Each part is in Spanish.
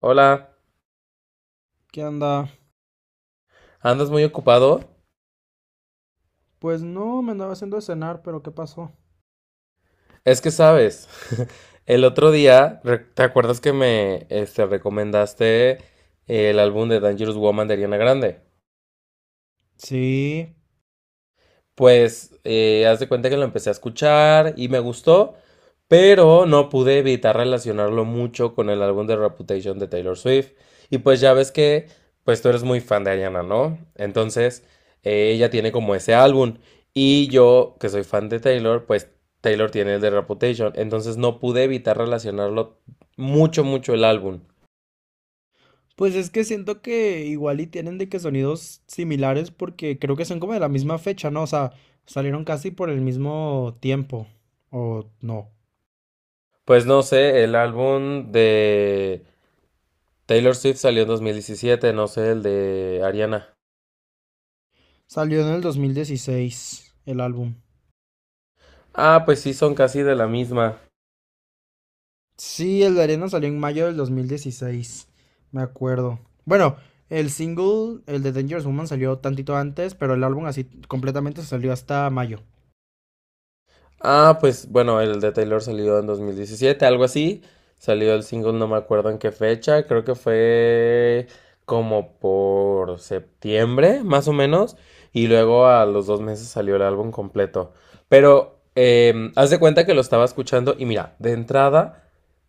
Hola, ¿Qué anda? ¿andas muy ocupado? Pues no, me andaba haciendo de cenar, pero ¿qué pasó? Es que sabes, el otro día, ¿te acuerdas que me recomendaste el álbum de Dangerous Woman de Ariana Grande? Sí, Pues, haz de cuenta que lo empecé a escuchar y me gustó, pero no pude evitar relacionarlo mucho con el álbum de Reputation de Taylor Swift. Y pues ya ves que, pues tú eres muy fan de Ariana, ¿no? Entonces, ella tiene como ese álbum. Y yo, que soy fan de Taylor, pues Taylor tiene el de Reputation. Entonces no pude evitar relacionarlo mucho, mucho el álbum. pues es que siento que igual y tienen de que sonidos similares porque creo que son como de la misma fecha, ¿no? O sea, salieron casi por el mismo tiempo, o no. Pues no sé, el álbum de Taylor Swift salió en 2017, no sé, el de Ariana. Salió en el 2016 el álbum. Ah, pues sí, son casi de la misma. Sí, el de Arena salió en mayo del 2016, me acuerdo. Bueno, el single, el de Dangerous Woman salió tantito antes, pero el álbum así completamente salió hasta mayo. Ah, pues bueno, el de Taylor salió en 2017, algo así. Salió el single, no me acuerdo en qué fecha, creo que fue como por septiembre, más o menos. Y luego a los 2 meses salió el álbum completo. Pero haz de cuenta que lo estaba escuchando y mira, de entrada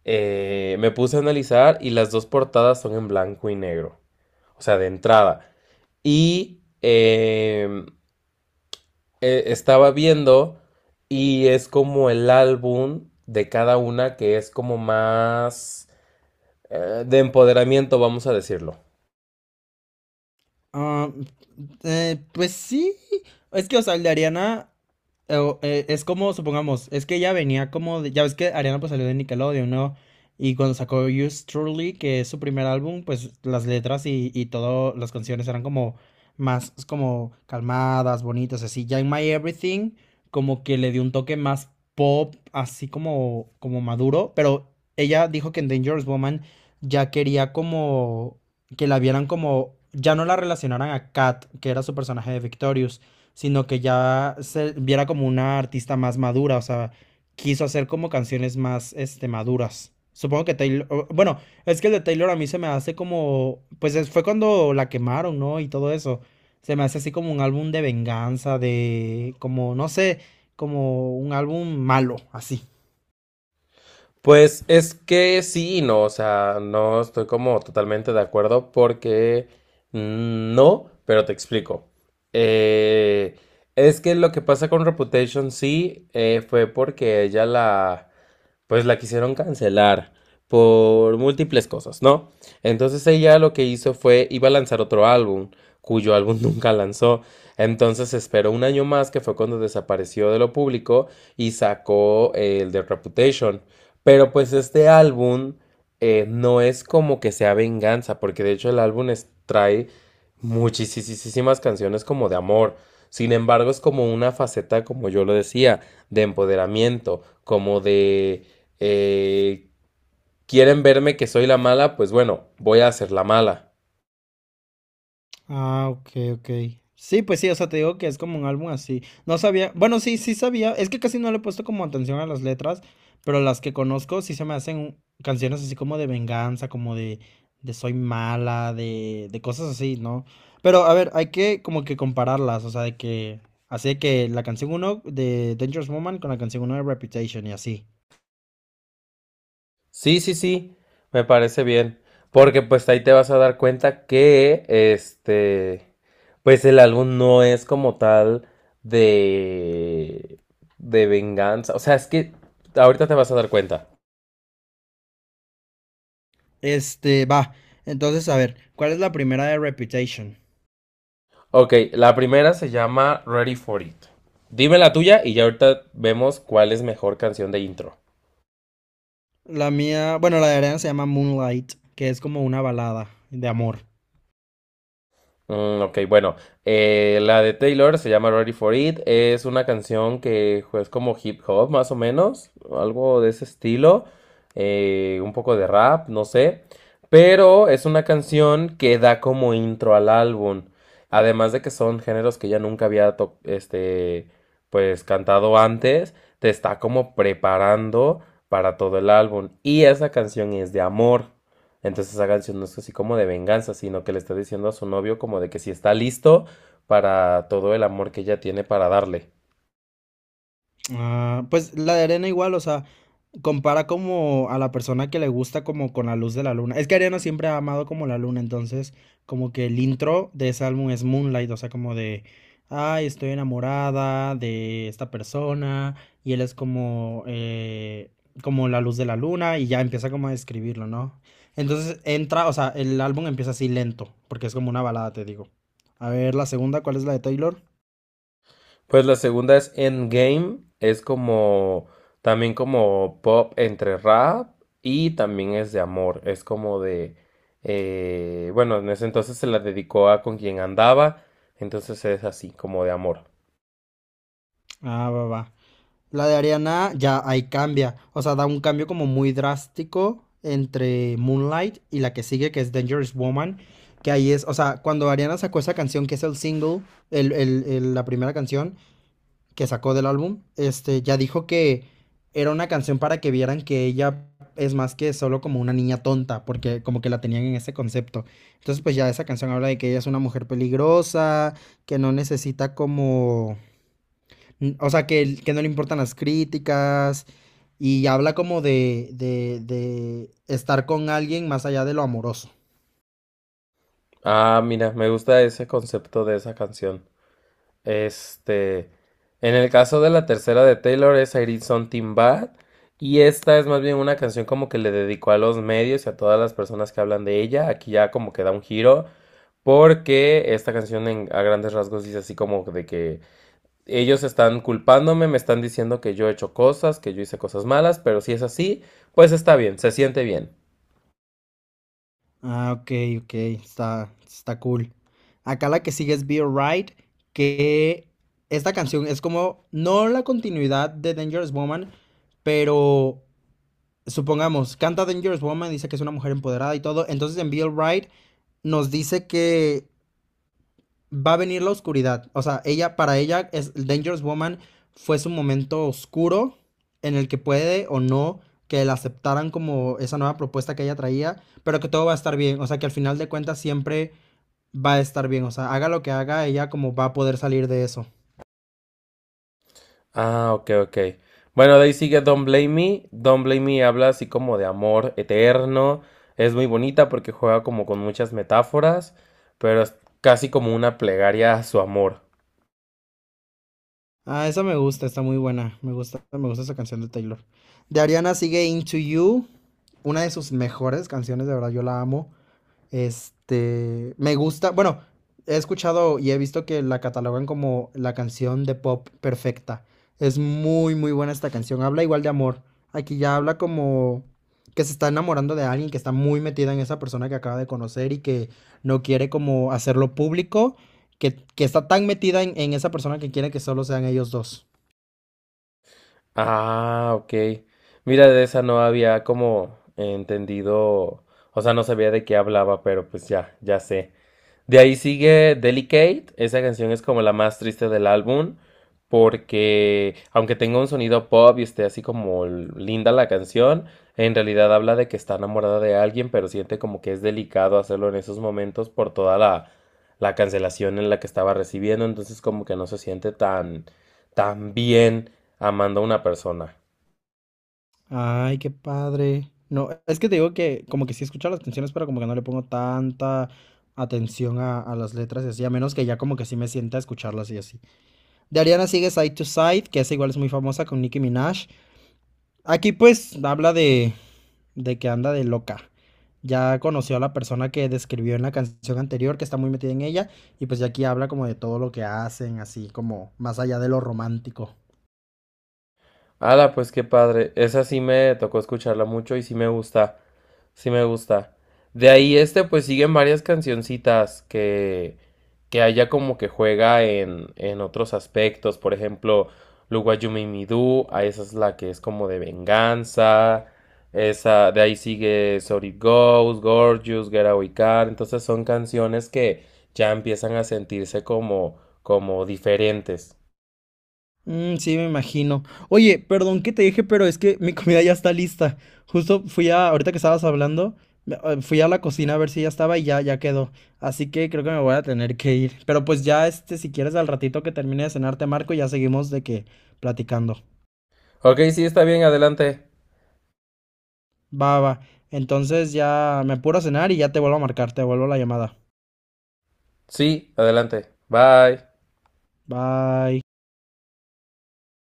me puse a analizar y las dos portadas son en blanco y negro. O sea, de entrada. Y estaba viendo y es como el álbum de cada una que es como más de empoderamiento, vamos a decirlo. Ah, pues sí. Es que, o sea, el de Ariana es como, supongamos, es que ella venía como ya ves que Ariana pues salió de Nickelodeon, ¿no? Y cuando sacó Yours Truly, que es su primer álbum, pues las letras y todas las canciones eran como más como calmadas, bonitas, así. Ya en My Everything, como que le dio un toque más pop, así como, como maduro, pero ella dijo que en Dangerous Woman ya quería como que la vieran como, ya no la relacionaran a Kat, que era su personaje de Victorious, sino que ya se viera como una artista más madura, o sea, quiso hacer como canciones más, este, maduras. Supongo que bueno, es que el de Taylor a mí se me hace como, pues fue cuando la quemaron, ¿no? Y todo eso. Se me hace así como un álbum de venganza, de, como, no sé, como un álbum malo, así. Pues es que sí y no, o sea, no estoy como totalmente de acuerdo porque no, pero te explico. Eh, es que lo que pasa con Reputation sí, fue porque ella la pues la quisieron cancelar por múltiples cosas, ¿no? Entonces ella lo que hizo fue iba a lanzar otro álbum, cuyo álbum nunca lanzó. Entonces esperó un año más, que fue cuando desapareció de lo público y sacó, el de Reputation. Pero pues este álbum, no es como que sea venganza, porque de hecho trae muchísimas canciones como de amor. Sin embargo, es como una faceta, como yo lo decía, de empoderamiento, como de eh, quieren verme que soy la mala, pues bueno, voy a hacer la mala. Ah, ok, ok. Sí, pues sí, o sea, te digo que es como un álbum así. No sabía, bueno, sí, sí sabía, es que casi no le he puesto como atención a las letras, pero las que conozco sí se me hacen canciones así como de venganza, como de soy mala, de cosas así, ¿no? Pero a ver, hay que como que compararlas, o sea, de que, así de que la canción uno de Dangerous Woman con la canción uno de Reputation y así. Sí, sí, sí, me parece bien, porque pues ahí te vas a dar cuenta que pues el álbum no es como tal de de venganza, o sea, es que ahorita te vas a dar cuenta. Este, va, entonces a ver, ¿cuál es la primera de Reputation? Ok, la primera se llama Ready for It. Dime la tuya y ya ahorita vemos cuál es mejor canción de intro. La mía, bueno, la de Ariana se llama Moonlight, que es como una balada de amor. Mm, ok, bueno, la de Taylor se llama Ready for It, es una canción que es como hip hop más o menos, algo de ese estilo, un poco de rap, no sé, pero es una canción que da como intro al álbum, además de que son géneros que ya nunca pues cantado antes, te está como preparando para todo el álbum y esa canción es de amor. Entonces esa canción no es así como de venganza, sino que le está diciendo a su novio como de que si está listo para todo el amor que ella tiene para darle. Ah, pues la de arena igual, o sea, compara como a la persona que le gusta como con la luz de la luna. Es que Arena siempre ha amado como la luna, entonces como que el intro de ese álbum es Moonlight, o sea, como de, ay, estoy enamorada de esta persona y él es como, como la luz de la luna y ya empieza como a describirlo, ¿no? Entonces entra, o sea, el álbum empieza así lento, porque es como una balada, te digo. A ver, la segunda, ¿cuál es la de Taylor? Pues la segunda es Endgame, es como también como pop entre rap y también es de amor, es como de, bueno, en ese entonces se la dedicó a con quien andaba, entonces es así como de amor. Ah, va, va. La de Ariana ya ahí cambia, o sea, da un cambio como muy drástico entre Moonlight y la que sigue, que es Dangerous Woman, que ahí es, o sea, cuando Ariana sacó esa canción, que es el single, la primera canción que sacó del álbum, este, ya dijo que era una canción para que vieran que ella es más que solo como una niña tonta, porque como que la tenían en ese concepto. Entonces, pues ya esa canción habla de que ella es una mujer peligrosa, que no necesita como mm, o sea, que, que no le importan las críticas y habla como de estar con alguien más allá de lo amoroso. Ah, mira, me gusta ese concepto de esa canción. Este, en el caso de la tercera de Taylor es I Did Something Bad y esta es más bien una canción como que le dedicó a los medios y a todas las personas que hablan de ella. Aquí ya como que da un giro porque esta canción a grandes rasgos dice así como de que ellos están culpándome, me están diciendo que yo he hecho cosas, que yo hice cosas malas, pero si es así, pues está bien, se siente bien. Ah, ok, ok, está, está cool. Acá la que sigue es Be Alright, que esta canción es como, no la continuidad de Dangerous Woman, pero supongamos, canta Dangerous Woman, dice que es una mujer empoderada y todo, entonces en Be Alright nos dice que va a venir la oscuridad. O sea, ella, para ella, es, Dangerous Woman fue su momento oscuro en el que puede o no que la aceptaran como esa nueva propuesta que ella traía, pero que todo va a estar bien. O sea, que al final de cuentas siempre va a estar bien. O sea, haga lo que haga, ella como va a poder salir de eso. Ah, ok, ok. Bueno, de ahí sigue Don't Blame Me. Don't Blame Me habla así como de amor eterno. Es muy bonita porque juega como con muchas metáforas, pero es casi como una plegaria a su amor. Ah, esa me gusta, está muy buena. Me gusta esa canción de Taylor. De Ariana sigue Into You, una de sus mejores canciones, de verdad, yo la amo. Este, me gusta, bueno, he escuchado y he visto que la catalogan como la canción de pop perfecta. Es muy, muy buena esta canción. Habla igual de amor. Aquí ya habla como que se está enamorando de alguien, que está muy metida en esa persona que acaba de conocer y que no quiere como hacerlo público, que está tan metida en esa persona que quiere que solo sean ellos dos. Ah, ok. Mira, de esa no había como entendido, o sea, no sabía de qué hablaba, pero pues ya, ya sé. De ahí sigue Delicate. Esa canción es como la más triste del álbum. Porque aunque tenga un sonido pop y esté así como linda la canción, en realidad habla de que está enamorada de alguien, pero siente como que es delicado hacerlo en esos momentos por toda la cancelación en la que estaba recibiendo. Entonces como que no se siente tan, tan bien amando a una persona. Ay, qué padre. No, es que te digo que como que sí escucho las canciones, pero como que no le pongo tanta atención a las letras y así, a menos que ya como que sí me sienta a escucharlas y así. De Ariana sigue Side to Side, que esa igual es muy famosa con Nicki Minaj. Aquí pues habla de que anda de loca. Ya conoció a la persona que describió en la canción anterior, que está muy metida en ella, y pues ya aquí habla como de todo lo que hacen, así como más allá de lo romántico. Ala, pues qué padre. Esa sí me tocó escucharla mucho y sí me gusta. Sí me gusta. De ahí pues siguen varias cancioncitas que haya como que juega en otros aspectos. Por ejemplo, Luwayumi Midu, a esa es la que es como de venganza. Esa, de ahí sigue Sorry Goes, Gorgeous, Getaway Car. Entonces son canciones que ya empiezan a sentirse como, como diferentes. Mm, sí, me imagino. Oye, perdón que te dije, pero es que mi comida ya está lista. Justo fui a, ahorita que estabas hablando, fui a la cocina a ver si ya estaba y ya, ya quedó. Así que creo que me voy a tener que ir. Pero pues ya, este, si quieres al ratito que termine de cenar, te marco y ya seguimos de que platicando. Ok, sí, está bien, adelante. Va, va. Entonces ya me apuro a cenar y ya te vuelvo a marcar, te vuelvo la llamada. Sí, adelante. Bye. Bye.